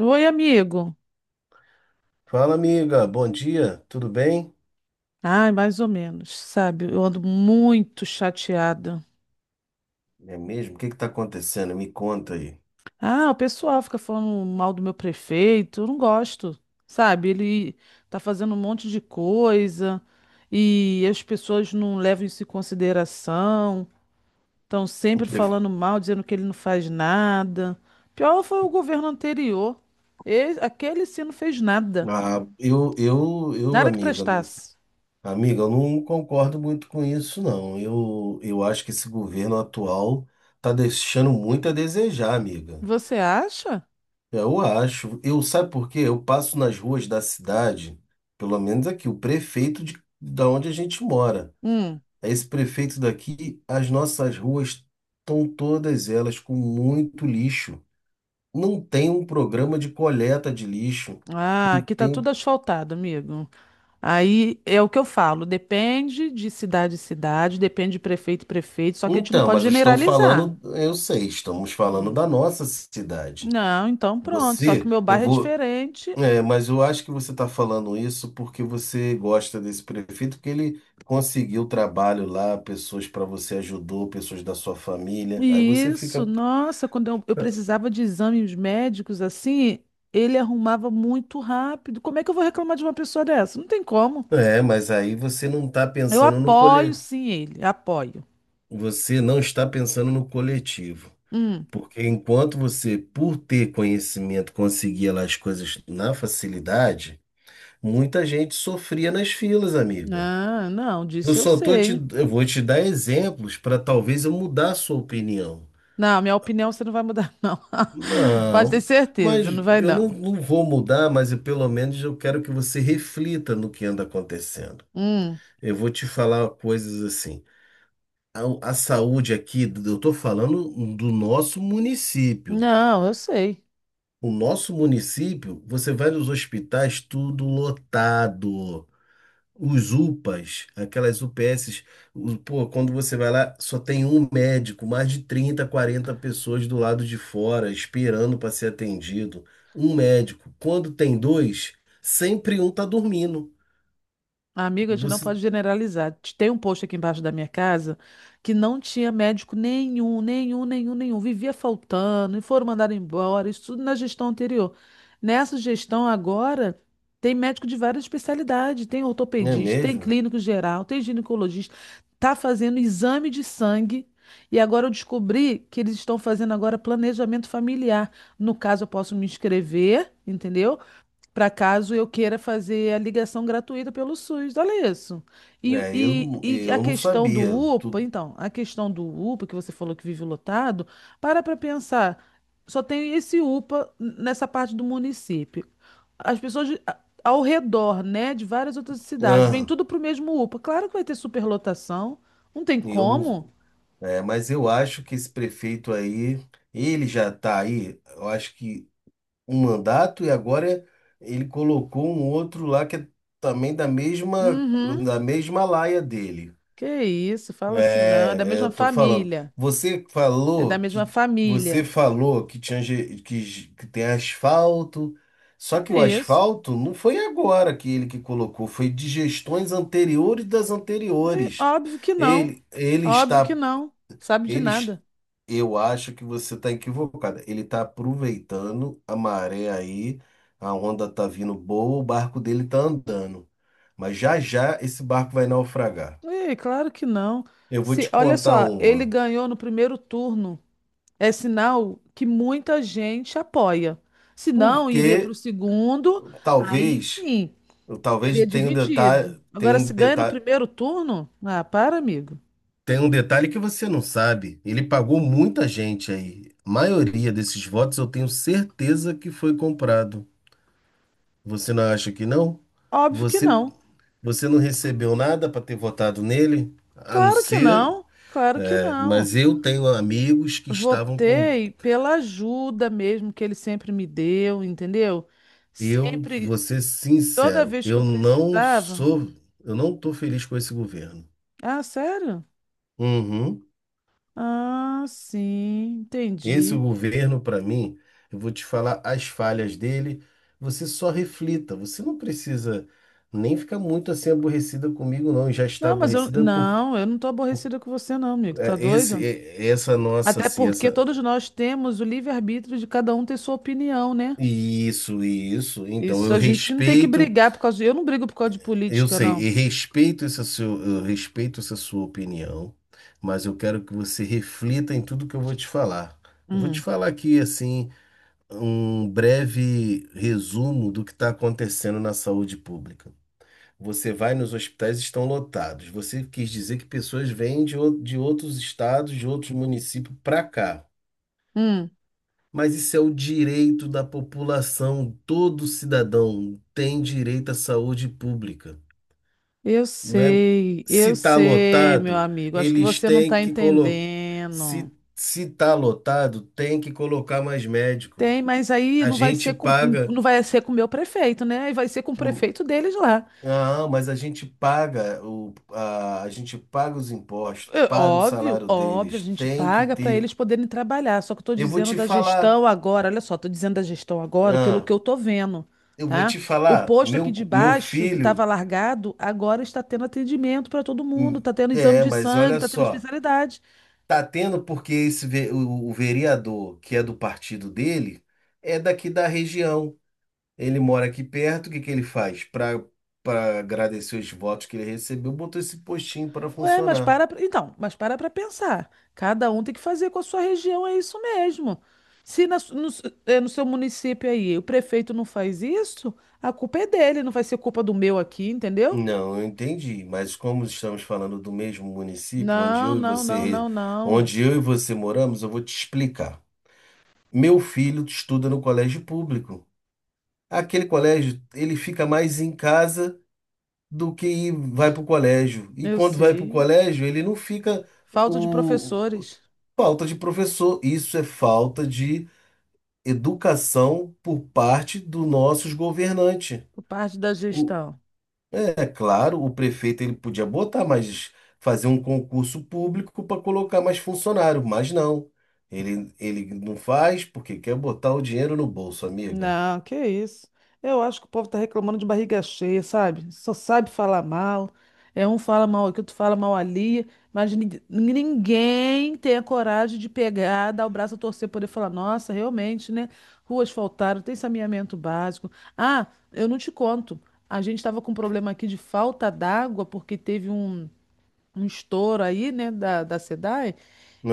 Oi, amigo. Fala, amiga. Bom dia. Tudo bem? Ai, mais ou menos, sabe? Eu ando muito chateada. É mesmo? O que que tá acontecendo? Me conta aí. Ah, o pessoal fica falando mal do meu prefeito. Eu não gosto, sabe? Ele tá fazendo um monte de coisa e as pessoas não levam isso em consideração. Estão Eu sempre pref- falando mal, dizendo que ele não faz nada. Pior foi o governo anterior. Aquele sim não fez nada. Ah, eu, Nada que amiga, não- prestasse. amiga, eu não concordo muito com isso, não. Eu acho que esse governo atual tá deixando muito a desejar, amiga. Você acha? Eu acho. Eu, sabe por quê? Eu passo nas ruas da cidade, pelo menos aqui, o prefeito de, da onde a gente mora. Hum. Esse prefeito daqui, as nossas ruas estão todas elas com muito lixo. Não tem um programa de coleta de lixo. Ah, Não aqui tá tudo tem. asfaltado, amigo. Aí é o que eu falo, depende de cidade em cidade, depende de prefeito e prefeito, só que a gente não Então, pode mas eu estou generalizar. falando, eu sei, estamos falando Hum. da nossa cidade. Não, então pronto, só que o Você, meu eu bairro é vou. diferente. É, mas eu acho que você está falando isso porque você gosta desse prefeito, porque ele conseguiu trabalho lá, pessoas para você ajudou, pessoas da sua família. Aí você Isso, fica. nossa, quando eu precisava de exames médicos assim, ele arrumava muito rápido. Como é que eu vou reclamar de uma pessoa dessa? Não tem como. É, mas aí você não está Eu pensando no apoio cole... sim ele, apoio. Você não está pensando no coletivo. Hum. Porque enquanto você, por ter conhecimento, conseguia lá as coisas na facilidade, muita gente sofria nas filas, amiga. Ah, não, disso eu sei. Eu vou te dar exemplos para talvez eu mudar a sua opinião. Não, minha opinião você não vai mudar, não. Pode ter Não, mas certeza, não vai não. não vou mudar, mas eu, pelo menos eu quero que você reflita no que anda acontecendo. Hum. Eu vou te falar coisas assim. A saúde aqui, eu estou falando do nosso município. Não, eu sei. O nosso município, você vai nos hospitais, tudo lotado. Os UPAs, aquelas UPSs, pô, quando você vai lá, só tem um médico, mais de 30 40 pessoas do lado de fora esperando para ser atendido. Um médico. Quando tem dois, sempre um tá dormindo. Amiga, a gente não Você, pode generalizar. Tem um posto aqui embaixo da minha casa que não tinha médico nenhum, nenhum, nenhum, nenhum. Vivia faltando e foram mandados embora. Isso tudo na gestão anterior. Nessa gestão agora, tem médico de várias especialidades. Tem não é ortopedista, tem mesmo? clínico geral, tem ginecologista. Tá fazendo exame de sangue. E agora eu descobri que eles estão fazendo agora planejamento familiar. No caso, eu posso me inscrever, entendeu? Para caso eu queira fazer a ligação gratuita pelo SUS. Olha isso. É, eu, E, e a eu não questão do sabia. UPA, Tu, então, a questão do UPA, que você falou que vive lotado, para pensar, só tem esse UPA nessa parte do município. As pessoas ao redor, né, de várias outras cidades, vem ah, tudo para o mesmo UPA. Claro que vai ter superlotação, não tem eu como. não. É, mas eu acho que esse prefeito aí, ele já está aí, eu acho que um mandato e agora ele colocou um outro lá que é também Uhum. da mesma laia dele. Que isso, fala assim, não, é da É, é, mesma eu tô falando. família. É da mesma Você família. falou que tinha que tem asfalto, só que É o isso. asfalto não foi agora que ele que colocou, foi de gestões anteriores das E anteriores. óbvio que não. Ele, ele Óbvio que está, não. Sabe de ele, nada. eu acho que você está equivocada. Ele está aproveitando a maré aí, a onda está vindo boa, o barco dele está andando. Mas já já esse barco vai naufragar. Ei, claro que não. Eu vou Se, te olha contar só, ele uma. ganhou no primeiro turno. É sinal que muita gente apoia. Se não, Porque iria para o segundo, aí talvez, sim, talvez seria tenha um dividido. detalhe, Agora, se ganha no primeiro turno, ah, para, amigo. tem um detalhe que você não sabe. Ele pagou muita gente aí. A maioria desses votos eu tenho certeza que foi comprado. Você não acha que não? Óbvio que Você não. Você não recebeu nada para ter votado nele? A não Claro que ser. não. Claro que É, não. mas eu tenho amigos que estavam com. Votei pela ajuda mesmo que ele sempre me deu, entendeu? Eu Sempre vou ser toda sincero, vez que eu eu não precisava. sou. Eu não estou feliz com esse governo. Ah, sério? Uhum. Ah, sim, Esse entendi. governo, para mim, eu vou te falar as falhas dele. Você só reflita. Você não precisa nem ficar muito assim aborrecida comigo, não. Já está Não, mas aborrecida por, eu não tô por aborrecida com você não, amigo. Tá é, esse, doido? é, essa nossa, Até assim, essa. porque todos nós temos o livre-arbítrio de cada um ter sua opinião, né? Isso, isso. Então Isso eu a gente não tem que respeito, brigar por causa de... Eu não brigo por causa de eu política, sei, não. e respeito essa sua, eu respeito essa sua opinião, mas eu quero que você reflita em tudo que eu vou te falar. Eu vou te Hum, falar aqui assim um breve resumo do que está acontecendo na saúde pública. Você vai nos hospitais, estão lotados. Você quis dizer que pessoas vêm de, de outros estados, de outros municípios para cá. hum. Mas isso é o direito da população, todo cidadão tem direito à saúde pública, não é? Se Eu está sei, meu lotado, amigo. Acho que eles você não têm tá que colocar. entendendo. Se está lotado, tem que colocar mais médico. Tem, mas aí A gente paga. não vai ser com o meu prefeito, né? E vai ser com o Hum. prefeito deles lá. Ah, mas a gente paga a gente paga os impostos, É, paga o óbvio, salário óbvio, a deles, gente tem que paga para ter. eles poderem trabalhar. Só que eu estou Eu vou dizendo te da falar, gestão agora, olha só, estou dizendo da gestão agora pelo ah, que eu estou vendo, eu vou tá? te O falar, posto aqui meu, de meu baixo, que estava filho. largado, agora está tendo atendimento para todo mundo, Hum. está tendo exame É, de mas sangue, olha está tendo só, especialidade. tá tendo porque esse o vereador que é do partido dele é daqui da região. Ele mora aqui perto, o que que ele faz? Para agradecer os votos que ele recebeu, botou esse postinho para Ué, funcionar. Então, mas para pensar. Cada um tem que fazer com a sua região, é isso mesmo. Se na su- no, su- é, no seu município aí o prefeito não faz isso, a culpa é dele, não vai ser culpa do meu aqui, entendeu? Não, eu entendi, mas como estamos falando do mesmo município onde Não, eu e não, você, não, re- não, não. onde eu e você moramos, eu vou te explicar. Meu filho estuda no colégio público. Aquele colégio, ele fica mais em casa do que vai para o colégio. E Eu quando vai para o sei. colégio, ele não fica Falta de o professores falta de professor. Isso é falta de educação por parte dos nossos governantes. por parte da O- gestão. É claro, o prefeito ele podia botar, mas fazer um concurso público para colocar mais funcionário, mas não. Ele não faz porque quer botar o dinheiro no bolso, amiga. Não, que isso. Eu acho que o povo tá reclamando de barriga cheia, sabe? Só sabe falar mal. É um fala mal aqui, outro fala mal ali, mas ninguém tem a coragem de pegar, dar o braço a torcer, poder falar, nossa, realmente, né? Ruas faltaram, tem saneamento básico. Ah, eu não te conto. A gente estava com um problema aqui de falta d'água, porque teve um estouro aí, né, da SEDAI.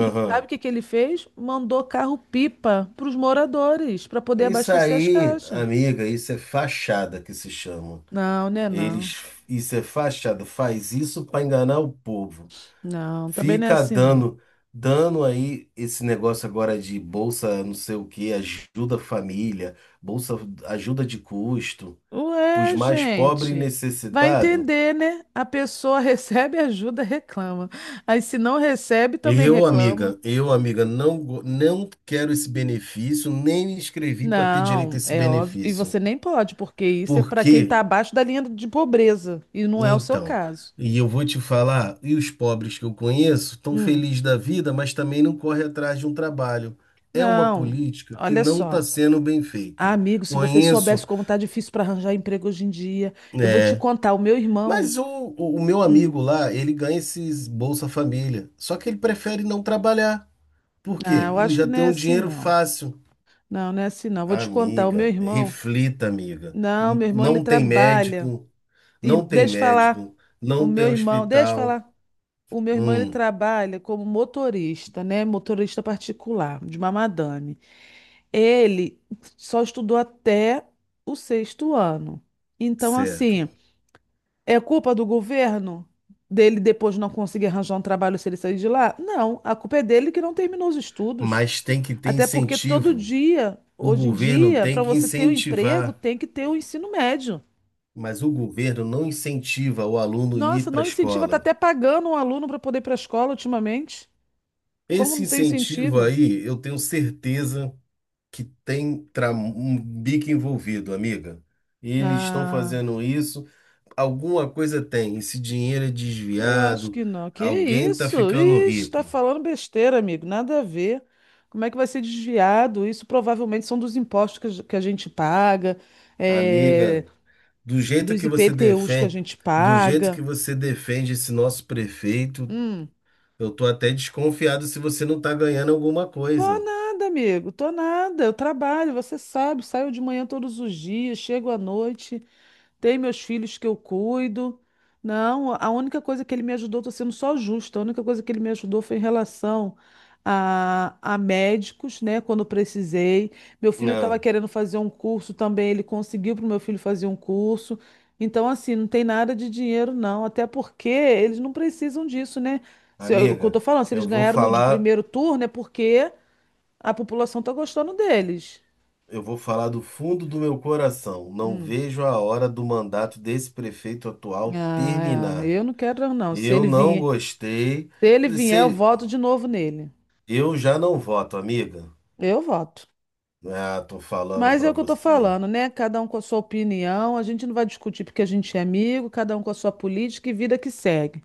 E sabe o que que ele fez? Mandou carro-pipa para os moradores, para poder Isso abastecer as aí, caixas. amiga, isso é fachada que se chama. Não, né, não. Eles, isso é fachada, faz isso para enganar o povo. Não, também não é Fica assim, não. dando, dando aí esse negócio agora de bolsa, não sei o que, ajuda família, bolsa ajuda de custo, para os Ué, mais pobres e gente, vai necessitados. entender, né? A pessoa recebe ajuda, reclama. Aí se não recebe, também reclama. Eu, amiga, não quero esse benefício, nem me inscrevi para ter direito a Não, esse é óbvio. E benefício. você nem pode, porque isso é para quem está Porque abaixo da linha de pobreza. E não é o seu Então, caso. e eu vou te falar, e os pobres que eu conheço estão Hum. felizes da vida, mas também não correm atrás de um trabalho. É uma Não, política que olha não está só. sendo bem Ah, feita. amigo, se você soubesse Conheço, como tá difícil para arranjar emprego hoje em dia, eu vou te é, contar. O meu irmão. mas o meu hum, amigo lá, ele ganha esses Bolsa Família, só que ele prefere não trabalhar. Por quê? Eu Ele acho que já não tem é um assim, dinheiro não. fácil. Não, não é assim, não. Vou te contar. O meu Amiga, irmão. reflita, amiga. Não, meu irmão, ele Não tem trabalha. médico, E, não tem deixa eu falar. médico, O não meu tem irmão. Deixa eu hospital. falar. O meu irmão, ele Hum. trabalha como motorista, né? Motorista particular, de uma madame. Ele só estudou até o sexto ano. Então, Certo. assim. É culpa do governo dele depois não conseguir arranjar um trabalho se ele sair de lá? Não, a culpa é dele que não terminou os estudos. Mas tem que ter Até porque todo incentivo. dia, O hoje em governo dia, tem para que você ter um emprego, incentivar, tem que ter o ensino médio. mas o governo não incentiva o aluno a ir Nossa, para a não incentiva, tá escola. até pagando um aluno para poder ir para a escola ultimamente. Como Esse não tem incentivo incentivo? aí, eu tenho certeza que tem um bico envolvido, amiga. Eles estão Ah. fazendo isso, alguma coisa tem. Esse dinheiro é Eu acho desviado, que não. Que alguém está isso? ficando Ixi, rico. tá falando besteira, amigo. Nada a ver. Como é que vai ser desviado? Isso provavelmente são dos impostos que que a gente paga, eh, Amiga, do jeito dos que você IPTUs que a defende, gente do jeito que paga. você defende esse nosso prefeito, Hum. eu tô até desconfiado se você não tá ganhando alguma Tô coisa. nada, amigo. Tô nada. Eu trabalho, você sabe. Saio de manhã todos os dias, chego à noite. Tem meus filhos que eu cuido. Não, a única coisa que ele me ajudou, estou sendo só justa, a única coisa que ele me ajudou foi em relação a médicos, né? Quando eu precisei. Meu filho estava Não, querendo fazer um curso também, ele conseguiu para o meu filho fazer um curso. Então, assim, não tem nada de dinheiro, não. Até porque eles não precisam disso, né? Se, eu- O que eu amiga, tô falando, se eles eu vou ganharam no, de falar, primeiro turno, é porque a população está gostando deles. eu vou falar do fundo do meu coração. Não Hum. vejo a hora do mandato desse prefeito atual Ah, é, terminar. eu não quero, não. Se Eu ele não vier. gostei. Se ele vier, eu Se, voto de novo nele. eu já não voto, amiga. Eu voto. Ah, tô falando Mas é pra o que eu tô você. falando, né? Cada um com a sua opinião. A gente não vai discutir porque a gente é amigo, cada um com a sua política e vida que segue.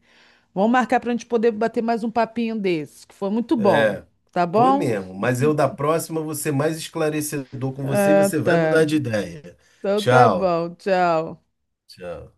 Vamos marcar pra gente poder bater mais um papinho desse, que foi muito bom. É, Tá foi bom? mesmo. Mas eu da próxima vou ser mais esclarecedor com você e Ah, você vai mudar tá. de ideia. Então tá Tchau. bom. Tchau. Tchau.